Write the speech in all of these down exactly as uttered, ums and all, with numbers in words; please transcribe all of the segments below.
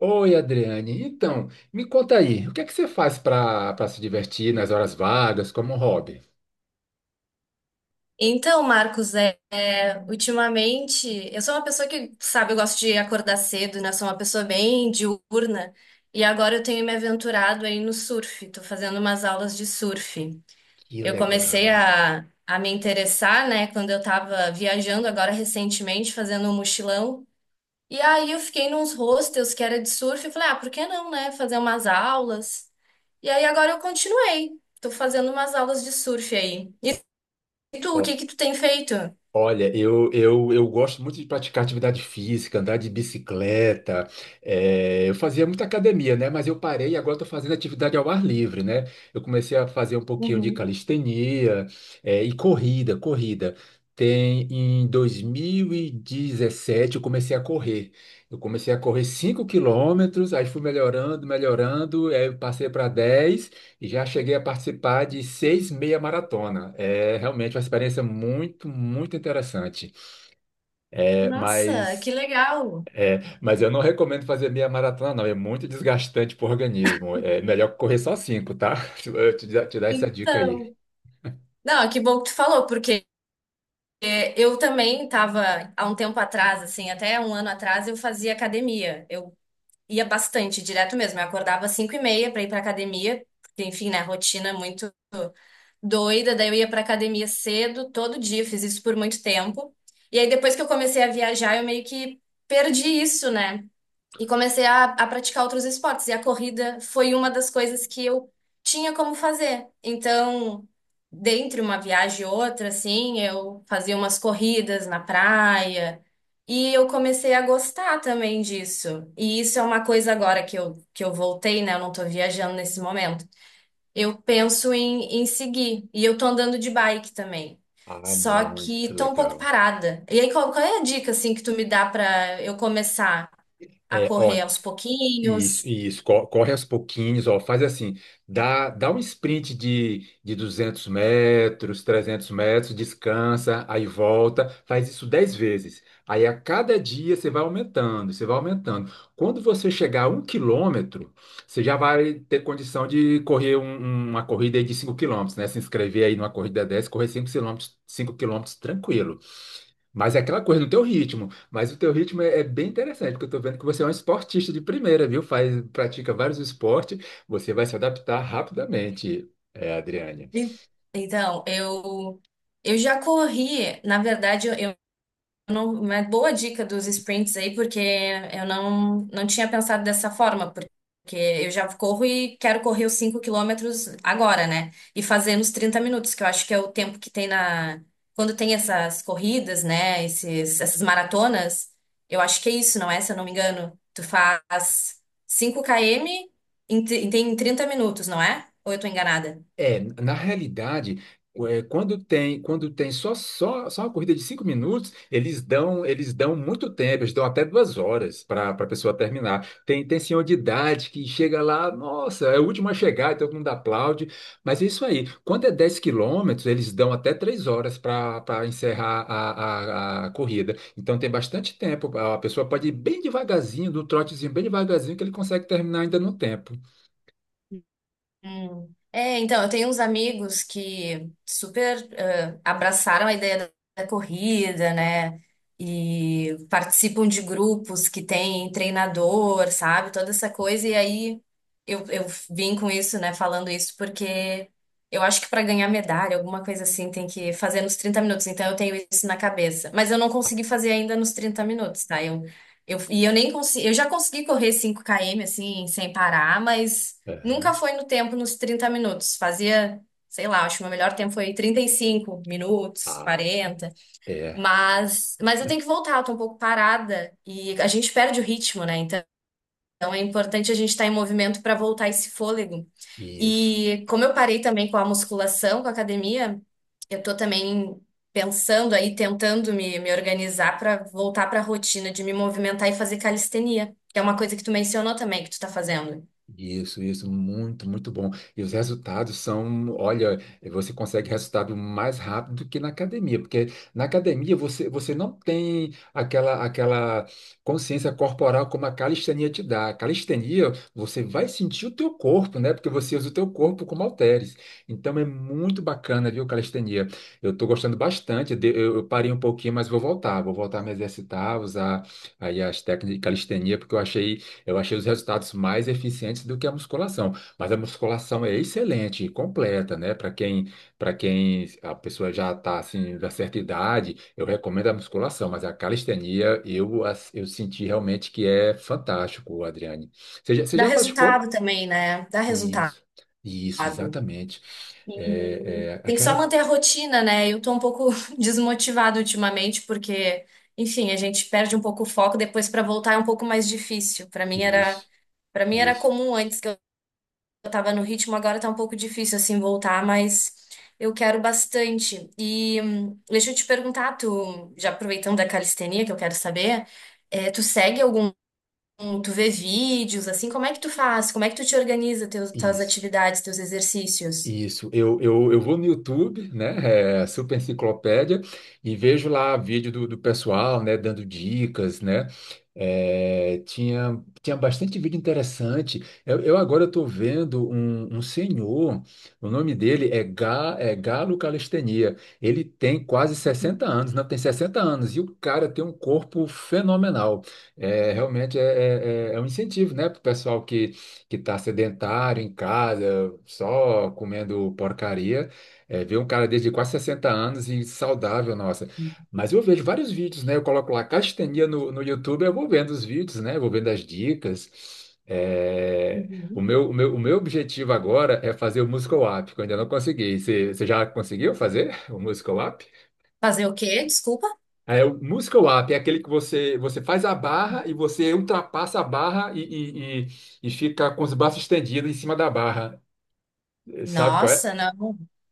Oi, Adriane. Então, me conta aí, o que é que você faz para para se divertir nas horas vagas como hobby? Então, Marcos, é, é, ultimamente, eu sou uma pessoa que, sabe, eu gosto de acordar cedo, né? Sou uma pessoa bem diurna. E agora eu tenho me aventurado aí no surf, tô fazendo umas aulas de surf. Que Eu comecei legal. a, a me interessar, né, quando eu tava viajando agora recentemente, fazendo um mochilão. E aí eu fiquei nos hostels que era de surf e falei, ah, por que não, né, fazer umas aulas? E aí agora eu continuei, tô fazendo umas aulas de surf aí. E tu, o que que tu tem feito? Olha, eu, eu, eu gosto muito de praticar atividade física, andar de bicicleta. Eh, eu fazia muita academia, né? Mas eu parei e agora estou fazendo atividade ao ar livre, né? Eu comecei a fazer um pouquinho de Uhum. calistenia, eh, e corrida, corrida. Tem em dois mil e dezessete eu comecei a correr. Eu comecei a correr cinco quilômetros, aí fui melhorando, melhorando, aí eu passei para dez. E Já cheguei a participar de seis meia maratona. É realmente uma experiência muito, muito interessante. É, Nossa, que mas, legal! mas eu não recomendo fazer meia maratona, não. É muito desgastante para o organismo. É melhor correr só cinco, tá? Eu te, dar- te dar essa dica aí. Então, não, que bom que tu falou, porque é, eu também estava há um tempo atrás, assim, até um ano atrás, eu fazia academia. Eu ia bastante, direto mesmo. Eu acordava às cinco e meia para ir para academia, porque, enfim, né, rotina muito doida. Daí eu ia para academia cedo, todo dia, fiz isso por muito tempo. E aí depois que eu comecei a viajar, eu meio que perdi isso, né? E comecei a, a praticar outros esportes. E a corrida foi uma das coisas que eu tinha como fazer. Então, dentre uma viagem e outra, assim, eu fazia umas corridas na praia. E eu comecei a gostar também disso. E isso é uma coisa agora que eu, que eu voltei, né? Eu não tô viajando nesse momento. Eu penso em, em seguir. E eu tô andando de bike também. Ah, Só muito que tô um pouco legal. parada. E aí, qual, qual é a dica, assim, que tu me dá pra eu começar? A É, correr ó. aos Isso, pouquinhos. isso, co- corre aos pouquinhos, ó, faz assim, dá, dá um sprint de, de duzentos metros, trezentos metros, descansa, aí volta, faz isso dez vezes. Aí a cada dia você vai aumentando, você vai aumentando. Quando você chegar a um quilômetro, você já vai ter condição de correr um- um, uma corrida aí de cinco quilômetros, né? Se inscrever aí numa corrida dessa, correr cinco quilômetros, cinco quilômetros tranquilo. Mas é aquela coisa no teu ritmo. Mas o teu ritmo é, é bem interessante, porque eu tô vendo que você é um esportista de primeira, viu? Faz, pratica vários esportes, você vai se adaptar rapidamente, é, Adriane. E- Então, eu eu já corri, na verdade, eu não- uma boa dica dos sprints aí, porque eu não, não tinha pensado dessa forma, porque eu já corro e quero correr os cinco quilômetros agora, né? E fazer nos trinta minutos, que eu acho que é o tempo que tem na. Quando tem essas corridas, né? Esses, essas maratonas, eu acho que é isso, não é? Se eu não me engano, tu faz cinco quilômetros em, tri- em trinta minutos, não é? Ou eu tô enganada? É, na realidade, é, quando tem, quando tem só, só, só uma corrida de cinco minutos, eles dão, eles dão muito tempo, eles dão até duas horas para a pessoa terminar. Tem, tem senhor de idade que chega lá, nossa, é o último a chegar, e todo mundo aplaude. Mas é isso aí. Quando é dez quilômetros, eles dão até três horas para para encerrar a, a, a corrida. Então tem bastante tempo. A pessoa pode ir bem devagarzinho, do trotezinho bem devagarzinho, que ele consegue terminar ainda no tempo. Hum. É, então, eu tenho uns amigos que super eh, abraçaram a ideia da da corrida, né? E participam de grupos que têm treinador, sabe? Toda essa coisa. E aí eu, eu vim com isso, né? Falando isso porque eu acho que para ganhar medalha, alguma coisa assim, tem que fazer nos trinta minutos. Então eu tenho isso na cabeça. Mas eu não consegui fazer ainda nos trinta minutos, tá? Eu, eu, e eu nem consegui. Eu já consegui correr cinco quilômetros, assim, sem parar, mas. Nunca Aham. foi no tempo nos trinta minutos. Fazia, sei lá, acho que o meu melhor tempo foi trinta e cinco minutos, Ah, quarenta. é, Mas, mas eu tenho que voltar, eu tô um pouco parada e a gente perde o ritmo, né? Então é importante a gente estar em movimento para voltar esse fôlego. isso. E como eu parei também com a musculação, com a academia, eu tô também pensando aí, tentando me, me organizar para voltar para a rotina de me movimentar e fazer calistenia, que é uma coisa que tu mencionou também que tu tá fazendo. Isso, isso, muito, muito bom. E os resultados são, olha, você consegue resultado mais rápido do que na academia, porque na academia você, você não tem aquela, aquela consciência corporal como a calistenia te dá. A calistenia, você vai sentir o teu corpo, né? Porque você usa o teu corpo como halteres. Então é muito bacana, viu, calistenia? Eu estou gostando bastante. de- Eu, eu parei um pouquinho, mas vou voltar. Vou voltar a me exercitar, usar aí as técnicas de calistenia, porque eu achei eu achei os resultados mais eficientes do que a musculação, mas a musculação é excelente, completa, né? Para quem, para quem a pessoa já está assim da certa idade, eu recomendo a musculação, mas a calistenia eu as- eu senti realmente que é fantástico, Adriane. Você já, você Dá já praticou? resultado também, né? Dá resultado. Isso, isso, exatamente. E É, é tem que aquela só co- manter a rotina, né? Eu tô um pouco desmotivada ultimamente, porque, enfim, a gente perde um pouco o foco, depois pra voltar é um pouco mais difícil. Pra mim era, isso, Para mim era isso, comum antes que eu tava no ritmo, agora tá um pouco difícil assim voltar, mas eu quero bastante. E hum, deixa eu te perguntar, tu, já aproveitando da calistenia que eu quero saber, eh, tu segue algum. Tu vê vídeos, assim, como é que tu faz? Como é que tu te organiza teus, tuas isso. atividades, teus exercícios? Isso, eu, eu, eu vou no YouTube, né, é, Super Enciclopédia, e vejo lá vídeo do, do pessoal, né, dando dicas, né. É, tinha, tinha bastante vídeo interessante, eu, eu agora estou vendo um, um senhor, o nome dele é, Ga, é Galo Calistenia, ele tem quase sessenta anos, não, tem sessenta anos, e o cara tem um corpo fenomenal, é, realmente é, é, é é um incentivo, né, para o pessoal que que está sedentário em casa, só comendo porcaria, é, ver um cara desde quase sessenta anos e saudável, nossa. Mas eu vejo vários vídeos, né? Eu coloco lá castenia no, no YouTube, eu vou vendo os vídeos, né? Vou vendo as dicas. É, o Uhum. meu, o meu, o meu objetivo agora é fazer o Muscle Up, que eu ainda não consegui. Você, você já conseguiu fazer o Muscle Up? Fazer o quê? Desculpa? É, o Muscle Up é aquele que você, você faz a barra e você ultrapassa a barra e, e, e, e fica com os braços estendidos em cima da barra. Eh, Sabe qual é? Nossa, não.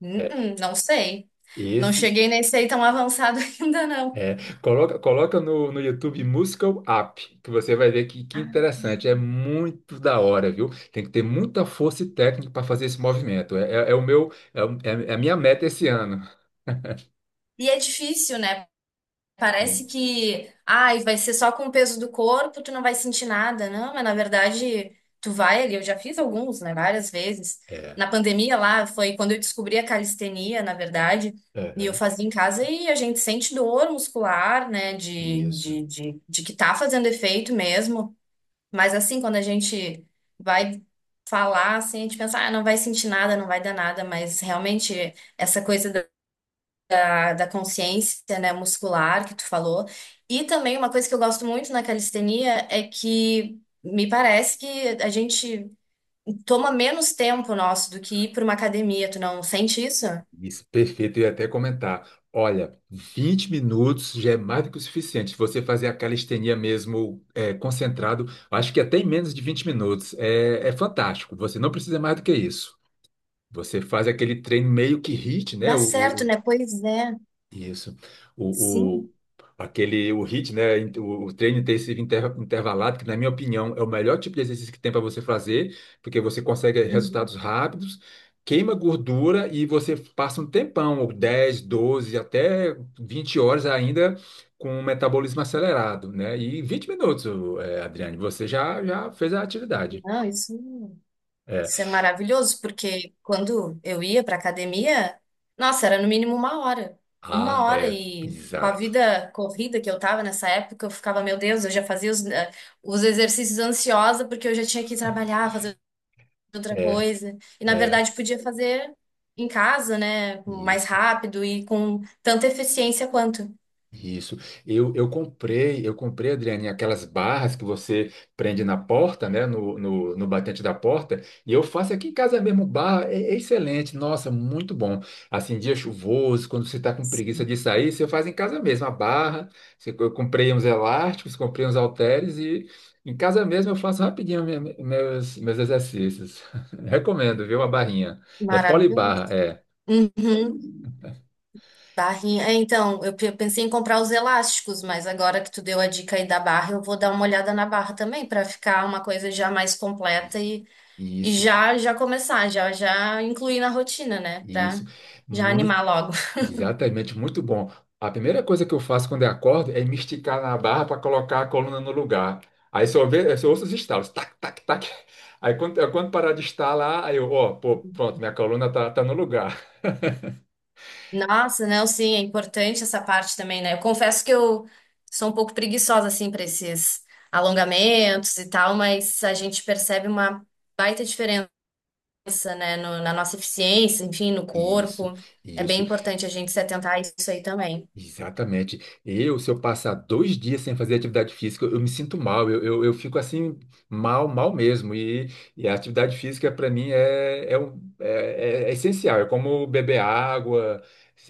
Hum, É, hum, não sei. Não Esse cheguei nesse aí tão avançado ainda, não. é. Coloca, coloca no, no YouTube Muscle Up, que você vai ver que, que interessante. É muito da hora, viu? Tem que ter muita força e técnica para fazer esse movimento. É, é, é o meu, é, o- É a minha meta esse ano. E é difícil, né? E- Parece que, ai, vai ser só com o peso do corpo, tu não vai sentir nada, não, mas na verdade tu vai ali, eu já fiz alguns, né, várias vezes. É, Na pandemia lá foi quando eu descobri a calistenia, na verdade, e eu aham, fazia em casa e a gente sente dor muscular, né, de, isso. de, de, de que tá fazendo efeito mesmo, mas assim, quando a gente vai falar, assim, a gente pensa, ah, não vai sentir nada, não vai dar nada, mas realmente essa coisa da consciência, né, muscular que tu falou. E também uma coisa que eu gosto muito na calistenia é que me parece que a gente toma menos tempo nosso do que ir para uma academia. Tu não sente isso? Isso, perfeito. Eu ia até comentar. Olha, vinte minutos já é mais do que o suficiente. Se Você fazer a calistenia mesmo é, concentrado, acho que até em menos de vinte minutos. É, é fantástico. Você não precisa mais do que isso. Você faz aquele treino meio que H I I T, né? Dá certo, O, né? Pois é. isso. O, Sim. o, aquele, o H I I T, né? O, o treino intensivo inter- intervalado, que na minha opinião é o melhor tipo de exercício que tem para você fazer, porque você consegue Uhum. resultados rápidos, queima gordura e você passa um tempão, ou dez doze até vinte horas ainda com o metabolismo acelerado, né? E vinte minutos, eh, Adriane, você já, já fez a atividade. Não, isso. É. Isso é maravilhoso, porque quando eu ia para academia, nossa, era no mínimo uma hora. Uma Ah, hora é. e com a Exato. vida corrida que eu tava nessa época, eu ficava, meu Deus, eu já fazia os, eh, os exercícios ansiosa, porque eu já tinha que trabalhar, fazer outra coisa. E na É. verdade podia fazer em casa, né? Mais Isso. rápido e com tanta eficiência quanto. Isso. Eu, eu comprei, eu comprei, Adriane, aquelas barras que você prende na porta, né? No, no, no batente da porta, e eu faço aqui em casa mesmo, barra, é, é excelente, nossa, muito bom. Assim, dia chuvoso, quando você está com preguiça de sair, você faz em casa mesmo, a barra. Você- Eu comprei uns elásticos, comprei uns halteres e em casa mesmo eu faço rapidinho minha- meus, meus exercícios. Recomendo, viu? A barrinha. É Maravilhoso. polibarra, é. Uhum. Barrinha. É, então, eu pe- pensei em comprar os elásticos, mas agora que tu deu a dica aí da barra, eu vou dar uma olhada na barra também para ficar uma coisa já mais completa Isso, e, e isso. já já começar, já já incluir na rotina, né? Pra Isso. já muito animar logo. Exatamente, muito bom. A primeira coisa que eu faço quando eu acordo é me esticar na barra para colocar a coluna no lugar. Aí só, vê, só ouço os estalos, tac, tac, tac. Aí quando, quando parar de estalar, aí eu, ó, pô, pronto, minha coluna tá, tá no lugar. Nossa, não, sim, é importante essa parte também, né? Eu confesso que eu sou um pouco preguiçosa assim para esses alongamentos e tal, mas a gente percebe uma baita diferença. Cabeça, né, no- na nossa eficiência, enfim, no Isso, corpo. É bem isso. importante a gente se atentar a isso aí também. Exatamente. Eu, se eu passar dois dias sem fazer atividade física, eu me sinto mal, eu, eu, eu fico assim, mal, mal mesmo. E, e a atividade física, para mim, é, é, um- é, é- é essencial. É como beber água,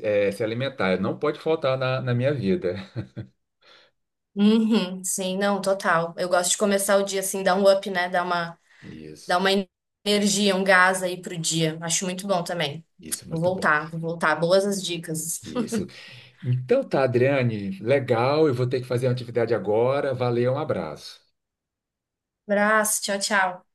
é, se alimentar. Não pode faltar na, na minha vida. Uhum, sim, não, total. Eu gosto de começar o dia assim, dar um up, né? Dar uma, dar Isso, uma energia, um gás aí pro dia. Acho muito bom também. isso, Vou muito bom. voltar, vou voltar. Boas as dicas. Isso. Então tá, Adriane, legal. Eu vou ter que fazer uma atividade agora. Valeu, um abraço. Abraço, tchau, tchau.